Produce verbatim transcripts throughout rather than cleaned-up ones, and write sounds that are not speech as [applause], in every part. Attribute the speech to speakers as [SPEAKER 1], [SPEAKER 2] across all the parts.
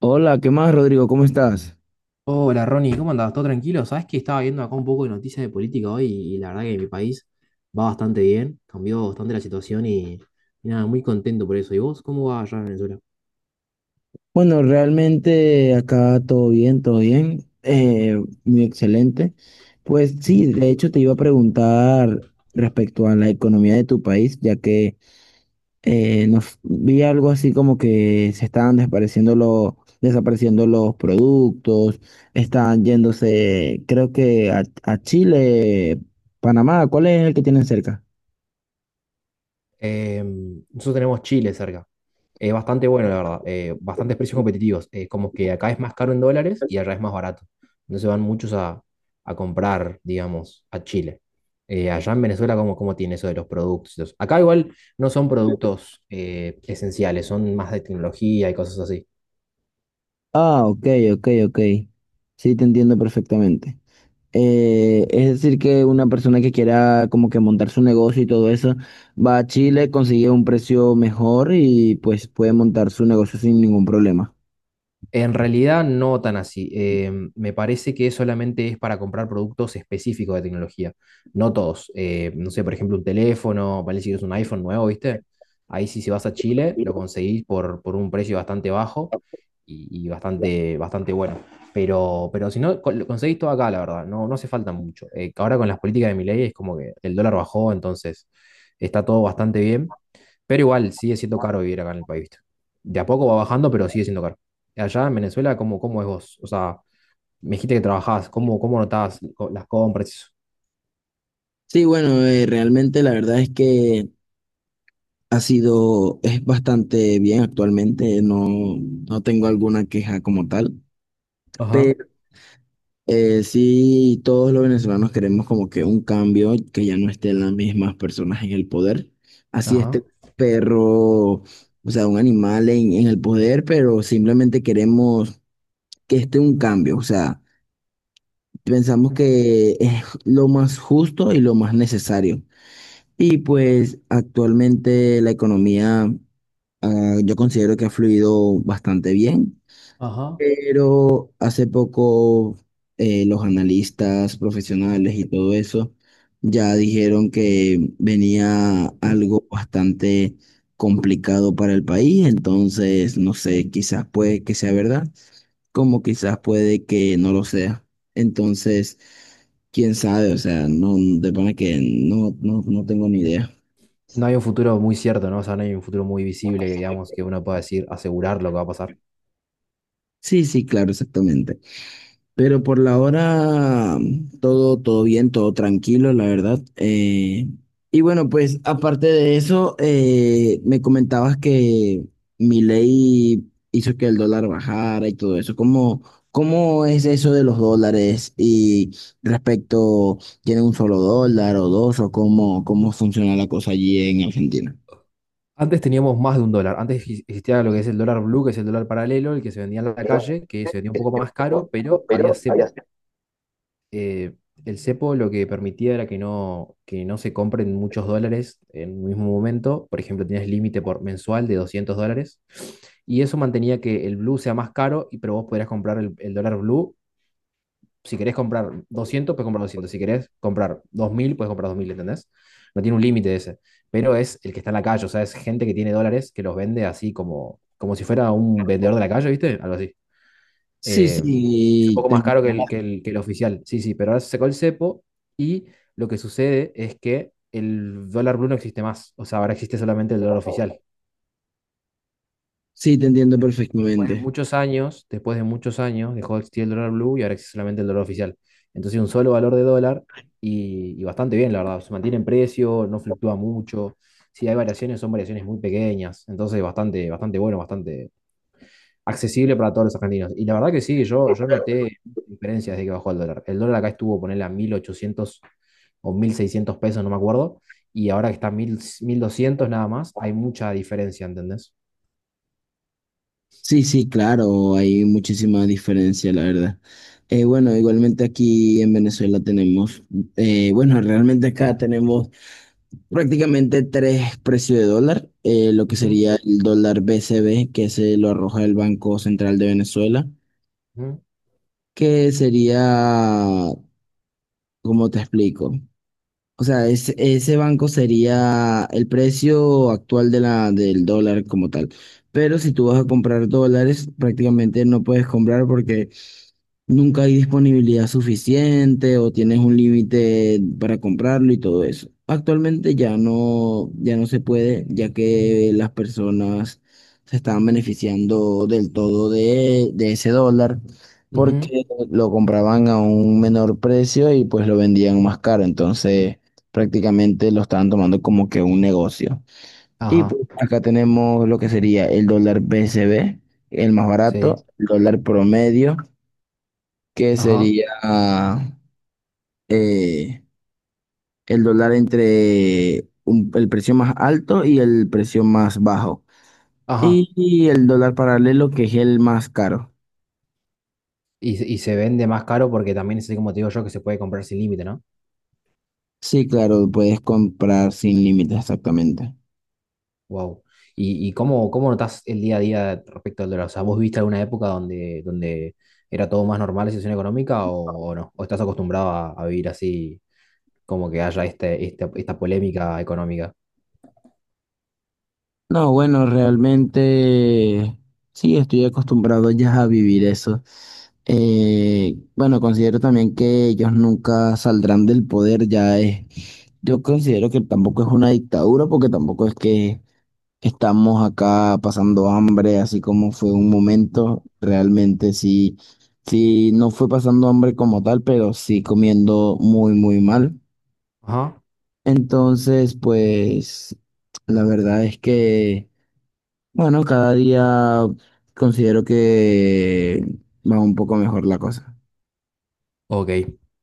[SPEAKER 1] Hola, ¿qué más, Rodrigo? ¿Cómo estás?
[SPEAKER 2] Hola Ronnie, ¿cómo andás? ¿Todo tranquilo? Sabes que estaba viendo acá un poco de noticias de política hoy y la verdad que mi país va bastante bien, cambió bastante la situación y, y nada, muy contento por eso. ¿Y vos cómo va allá en Venezuela?
[SPEAKER 1] Bueno, realmente acá todo bien, todo bien, eh, muy excelente. Pues sí, de hecho te iba a preguntar respecto a la economía de tu país, ya que eh, nos vi algo así como que se estaban desapareciendo los, desapareciendo los productos, estaban yéndose, creo que a, a Chile, Panamá, ¿cuál es el que tienen cerca?
[SPEAKER 2] Eh, nosotros tenemos Chile cerca. Es bastante bueno, la verdad. eh, bastantes precios competitivos. Eh, como que acá es más caro en dólares y allá es más barato. Entonces van muchos a, a, comprar, digamos, a Chile. Eh, allá en Venezuela, ¿cómo, cómo tiene eso de los productos? Los- Acá igual no son productos eh, esenciales, son más de tecnología y cosas así.
[SPEAKER 1] Ah, ok, ok, ok. Sí, te entiendo perfectamente. Eh, es decir, que una persona que quiera como que montar su negocio y todo eso, va a Chile, consigue un precio mejor y pues puede montar su negocio sin ningún problema.
[SPEAKER 2] En realidad no tan así. Eh, me parece que solamente es para comprar productos específicos de tecnología, no todos. Eh, no sé, por ejemplo, un teléfono, vale si es un iPhone nuevo, ¿viste? Ahí sí, si vas a Chile, lo conseguís por, por, un precio bastante bajo y, y bastante, bastante bueno. Pero, pero si no, co- lo conseguís todo acá, la verdad, no, no hace falta mucho. Eh, ahora con las políticas de Milei es como que el dólar bajó, entonces está todo bastante bien. Pero igual sigue siendo caro vivir acá en el país, ¿viste? De a poco va bajando, pero sigue siendo caro allá en Venezuela. ¿cómo, cómo, es vos? O sea, me dijiste que trabajás, ¿cómo, cómo notás co- las compras y eso?
[SPEAKER 1] Sí, bueno, eh, realmente la verdad es que ha sido, es bastante bien actualmente, no, no tengo alguna queja como tal.
[SPEAKER 2] Ajá,
[SPEAKER 1] Eh, sí, todos los venezolanos queremos como que un cambio, que ya no estén las mismas personas en el poder. Así
[SPEAKER 2] ajá.
[SPEAKER 1] este perro, o sea, un animal en, en el poder, pero simplemente queremos que esté un cambio. O sea, pensamos que es lo más justo y lo más necesario. Y pues actualmente la economía, ah, yo considero que ha fluido bastante bien.
[SPEAKER 2] Ajá.
[SPEAKER 1] Pero hace poco eh, los analistas profesionales y todo eso ya dijeron que venía algo bastante complicado para el país, entonces no sé, quizás puede que sea verdad, como quizás puede que no lo sea. Entonces, quién sabe, o sea, no, de pana que no, no, no tengo ni idea.
[SPEAKER 2] No hay un futuro muy cierto, ¿no? O sea, no hay un futuro muy visible que digamos que uno pueda decir, asegurar lo que va a pasar.
[SPEAKER 1] Sí, sí, claro, exactamente. Pero por la hora todo, todo bien, todo tranquilo, la verdad. Eh, y bueno, pues aparte de eso, eh, me comentabas que mi ley hizo que el dólar bajara y todo eso. ¿Cómo, cómo es eso de los dólares? Y respecto, ¿tiene un solo dólar o dos? ¿O cómo, cómo funciona la cosa allí en Argentina?
[SPEAKER 2] Antes teníamos más de un dólar. Antes exi- existía lo que es el dólar blue, que es el dólar paralelo, el que se vendía en la
[SPEAKER 1] Pero,
[SPEAKER 2] calle, que se vendía un poco
[SPEAKER 1] yo
[SPEAKER 2] más
[SPEAKER 1] te puedo
[SPEAKER 2] caro,
[SPEAKER 1] hablar,
[SPEAKER 2] pero había
[SPEAKER 1] pero.
[SPEAKER 2] cepo. eh, el cepo lo que permitía era que no, que no, se compren muchos dólares en un mismo momento. Por ejemplo, tenías límite por mensual de doscientos dólares. Y eso mantenía que el blue sea más caro, y, pero vos podrías comprar el, el dólar blue. Si querés comprar doscientos, puedes comprar doscientos. Si querés comprar dos mil, puedes comprar dos mil. ¿Entendés? No tiene un límite ese. Pero es el que está en la calle, o sea, es gente que tiene dólares que los vende así como, como, si fuera un vendedor de la calle, ¿viste? Algo así.
[SPEAKER 1] Sí,
[SPEAKER 2] Eh, es un
[SPEAKER 1] sí,
[SPEAKER 2] poco
[SPEAKER 1] te
[SPEAKER 2] más caro que
[SPEAKER 1] entiendo.
[SPEAKER 2] el, que el, que el oficial. Sí, sí, pero ahora se sacó el cepo y lo que sucede es que el dólar blue no existe más. O sea, ahora existe solamente el dólar oficial.
[SPEAKER 1] Sí, te entiendo
[SPEAKER 2] Después de
[SPEAKER 1] perfectamente.
[SPEAKER 2] muchos años, después de muchos años, dejó de existir el dólar blue y ahora existe solamente el dólar oficial. Entonces, un solo valor de dólar y, y bastante bien, la verdad. Se mantiene en precio, no fluctúa mucho. Si hay variaciones, son variaciones muy pequeñas. Entonces, bastante, bastante bueno, bastante, accesible para todos los argentinos. Y la verdad que sí, yo, yo noté diferencias desde que bajó el dólar. El dólar acá estuvo, ponerle a mil ochocientos o mil seiscientos pesos, no me acuerdo, y ahora que está a mil mil doscientos nada más, hay mucha diferencia, ¿entendés?
[SPEAKER 1] Sí, sí, claro, hay muchísima diferencia, la verdad. Eh, bueno, igualmente aquí en Venezuela tenemos, eh, bueno, realmente acá tenemos prácticamente tres precios de dólar, eh, lo que
[SPEAKER 2] Ujú,
[SPEAKER 1] sería el dólar B C B, que se lo arroja el Banco Central de Venezuela,
[SPEAKER 2] ujú,
[SPEAKER 1] que sería, ¿cómo te explico? O sea, es- ese banco sería el precio actual de la, del dólar como tal. Pero si tú vas a comprar dólares, prácticamente no puedes comprar porque nunca hay disponibilidad suficiente o tienes un límite para comprarlo y todo eso. Actualmente ya no, ya no se puede, ya que las personas se estaban beneficiando del todo de, de ese dólar
[SPEAKER 2] ujú.
[SPEAKER 1] porque lo compraban a un menor precio y pues lo vendían más caro. Entonces prácticamente lo estaban tomando como que un negocio. Y
[SPEAKER 2] Ajá,
[SPEAKER 1] pues acá tenemos lo que sería el dólar B C B, el más
[SPEAKER 2] sí,
[SPEAKER 1] barato, el dólar promedio que
[SPEAKER 2] ajá,
[SPEAKER 1] sería eh, el dólar entre un- el precio más alto y el precio más bajo.
[SPEAKER 2] ajá.
[SPEAKER 1] Y, y el dólar paralelo, que es el más caro.
[SPEAKER 2] Y, se- y se vende más caro porque también es así como te digo yo que se puede comprar sin límite, ¿no?
[SPEAKER 1] Sí, claro, puedes comprar sin límites, exactamente.
[SPEAKER 2] Wow. ¿Y, y cómo, cómo, notás el día a día respecto al dólar? O sea, ¿vos viste alguna época donde, donde, era todo más normal la situación económica o, o, no? ¿O estás acostumbrado a, a vivir así, como que haya este, este- esta polémica económica?
[SPEAKER 1] No, bueno, realmente sí, estoy acostumbrado ya a vivir eso. Eh, bueno, considero también que ellos nunca saldrán del poder, ya es. Yo considero que tampoco es una dictadura, porque tampoco es que Estamos acá pasando hambre, así como fue un momento, realmente sí, sí, no fue pasando hambre como tal, pero sí comiendo muy, muy mal.
[SPEAKER 2] Ajá.
[SPEAKER 1] Entonces, pues, la verdad es que, bueno, cada día considero que va un poco mejor la cosa.
[SPEAKER 2] Ok.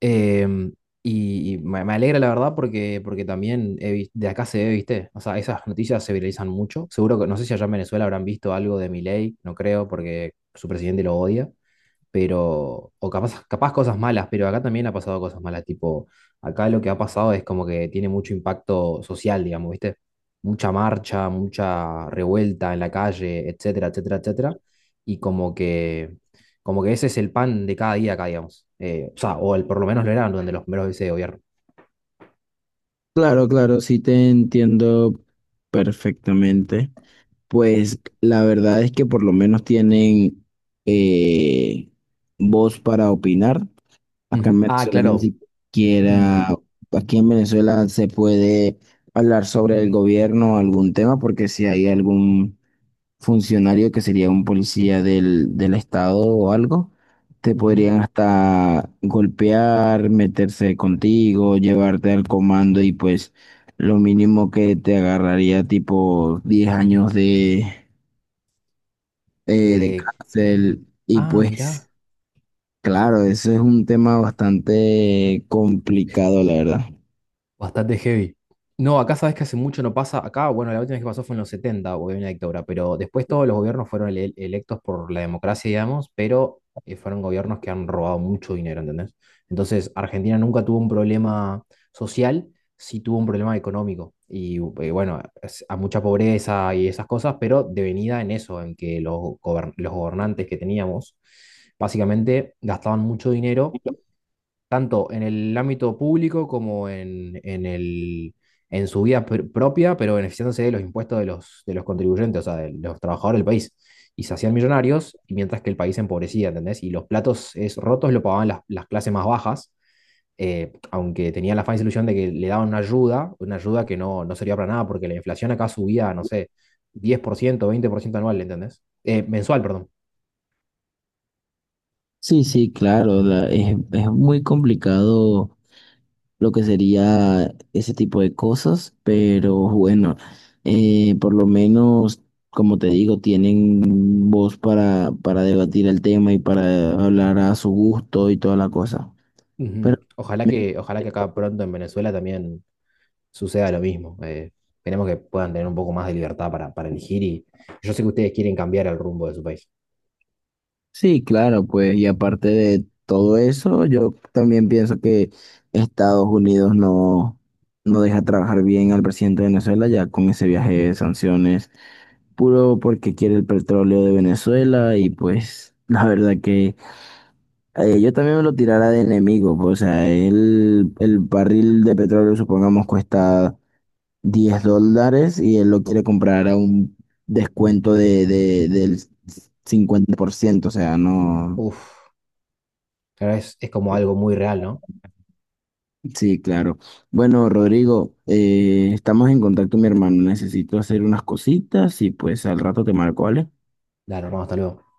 [SPEAKER 2] Em, y y me, me alegra la verdad porque, porque también he vis- de acá se ve, ¿viste? O sea, esas noticias se viralizan mucho. Seguro que, no sé si allá en Venezuela habrán visto algo de Milei, no creo, porque su presidente lo odia. Pero, o capaz, capaz cosas malas, pero acá también ha pasado cosas malas, tipo, acá lo que ha pasado es como que tiene mucho impacto social, digamos, ¿viste? Mucha marcha, mucha revuelta en la calle, etcétera, etcétera, etcétera, y como que, como que ese es el pan de cada día acá, digamos. Eh, o sea, o el, por lo menos lo era durante los primeros meses de gobierno.
[SPEAKER 1] Claro, claro, sí te entiendo perfectamente. Pues la verdad es que por lo menos tienen eh, voz para opinar. Acá
[SPEAKER 2] Ujú.
[SPEAKER 1] en
[SPEAKER 2] Ah,
[SPEAKER 1] Venezuela ni
[SPEAKER 2] claro.
[SPEAKER 1] siquiera,
[SPEAKER 2] Mm,
[SPEAKER 1] aquí en Venezuela se puede hablar sobre el gobierno o algún tema, porque si hay algún funcionario que sería un policía del, del estado o algo, te
[SPEAKER 2] ujú.
[SPEAKER 1] podrían hasta golpear, meterse contigo, llevarte al comando y pues lo mínimo que te agarraría tipo diez años de eh, de
[SPEAKER 2] De,
[SPEAKER 1] cárcel. Y
[SPEAKER 2] ah, mirá.
[SPEAKER 1] pues, claro, eso es un tema bastante complicado, la verdad.
[SPEAKER 2] Bastante heavy. No, acá sabes que hace mucho no pasa. Acá, bueno, la última vez que pasó fue en los setenta porque había una dictadura, pero después todos los gobiernos fueron ele- electos por la democracia, digamos, pero eh, fueron gobiernos que han robado mucho dinero, ¿entendés? Entonces, Argentina nunca tuvo un problema social, sí tuvo un problema económico. Y eh, bueno, es- a mucha pobreza y esas cosas, pero devenida en eso, en que los, gobern- los gobernantes que teníamos, básicamente gastaban mucho dinero tanto en el ámbito público como en, en el, en su vida pr- propia, pero beneficiándose de los impuestos de los, de los, contribuyentes, o sea, de los trabajadores del país. Y se hacían millonarios, y mientras que el país se empobrecía, ¿entendés? Y los platos es, rotos lo pagaban las, las, clases más bajas, eh, aunque tenían la falsa ilusión de que le daban una ayuda, una ayuda que no, no servía para nada, porque la inflación acá subía, no sé, diez por ciento veinte por ciento anual, ¿entendés? Eh, mensual, perdón.
[SPEAKER 1] Sí, sí, claro, la- es, es, muy complicado lo que sería ese tipo de cosas, pero bueno, eh, por lo menos, como te digo, tienen voz para, para debatir el tema y para hablar a su gusto y toda la cosa. Pero
[SPEAKER 2] Ujú. Ojalá que, ojalá que acá pronto en Venezuela también suceda lo mismo. Eh, esperemos que puedan tener un poco más de libertad para, para, elegir y yo sé que ustedes quieren cambiar el rumbo de su país.
[SPEAKER 1] Sí, claro, pues, y aparte de todo eso, yo también pienso que Estados Unidos no, no deja trabajar bien al presidente de Venezuela ya con ese viaje de sanciones, puro porque quiere el petróleo de Venezuela y pues [laughs] la verdad que eh, yo también me lo tirara de enemigo, pues, o sea, el, el barril de petróleo supongamos cuesta diez dólares y él lo quiere comprar a un descuento de, de, del cincuenta por ciento, o sea, no.
[SPEAKER 2] Uf, la verdad es, es como algo muy real, ¿no?
[SPEAKER 1] Sí, claro. Bueno, Rodrigo, eh, estamos en contacto, mi hermano. Necesito hacer unas cositas y pues al rato te marco, ¿vale?
[SPEAKER 2] Dale, hermano, hasta luego.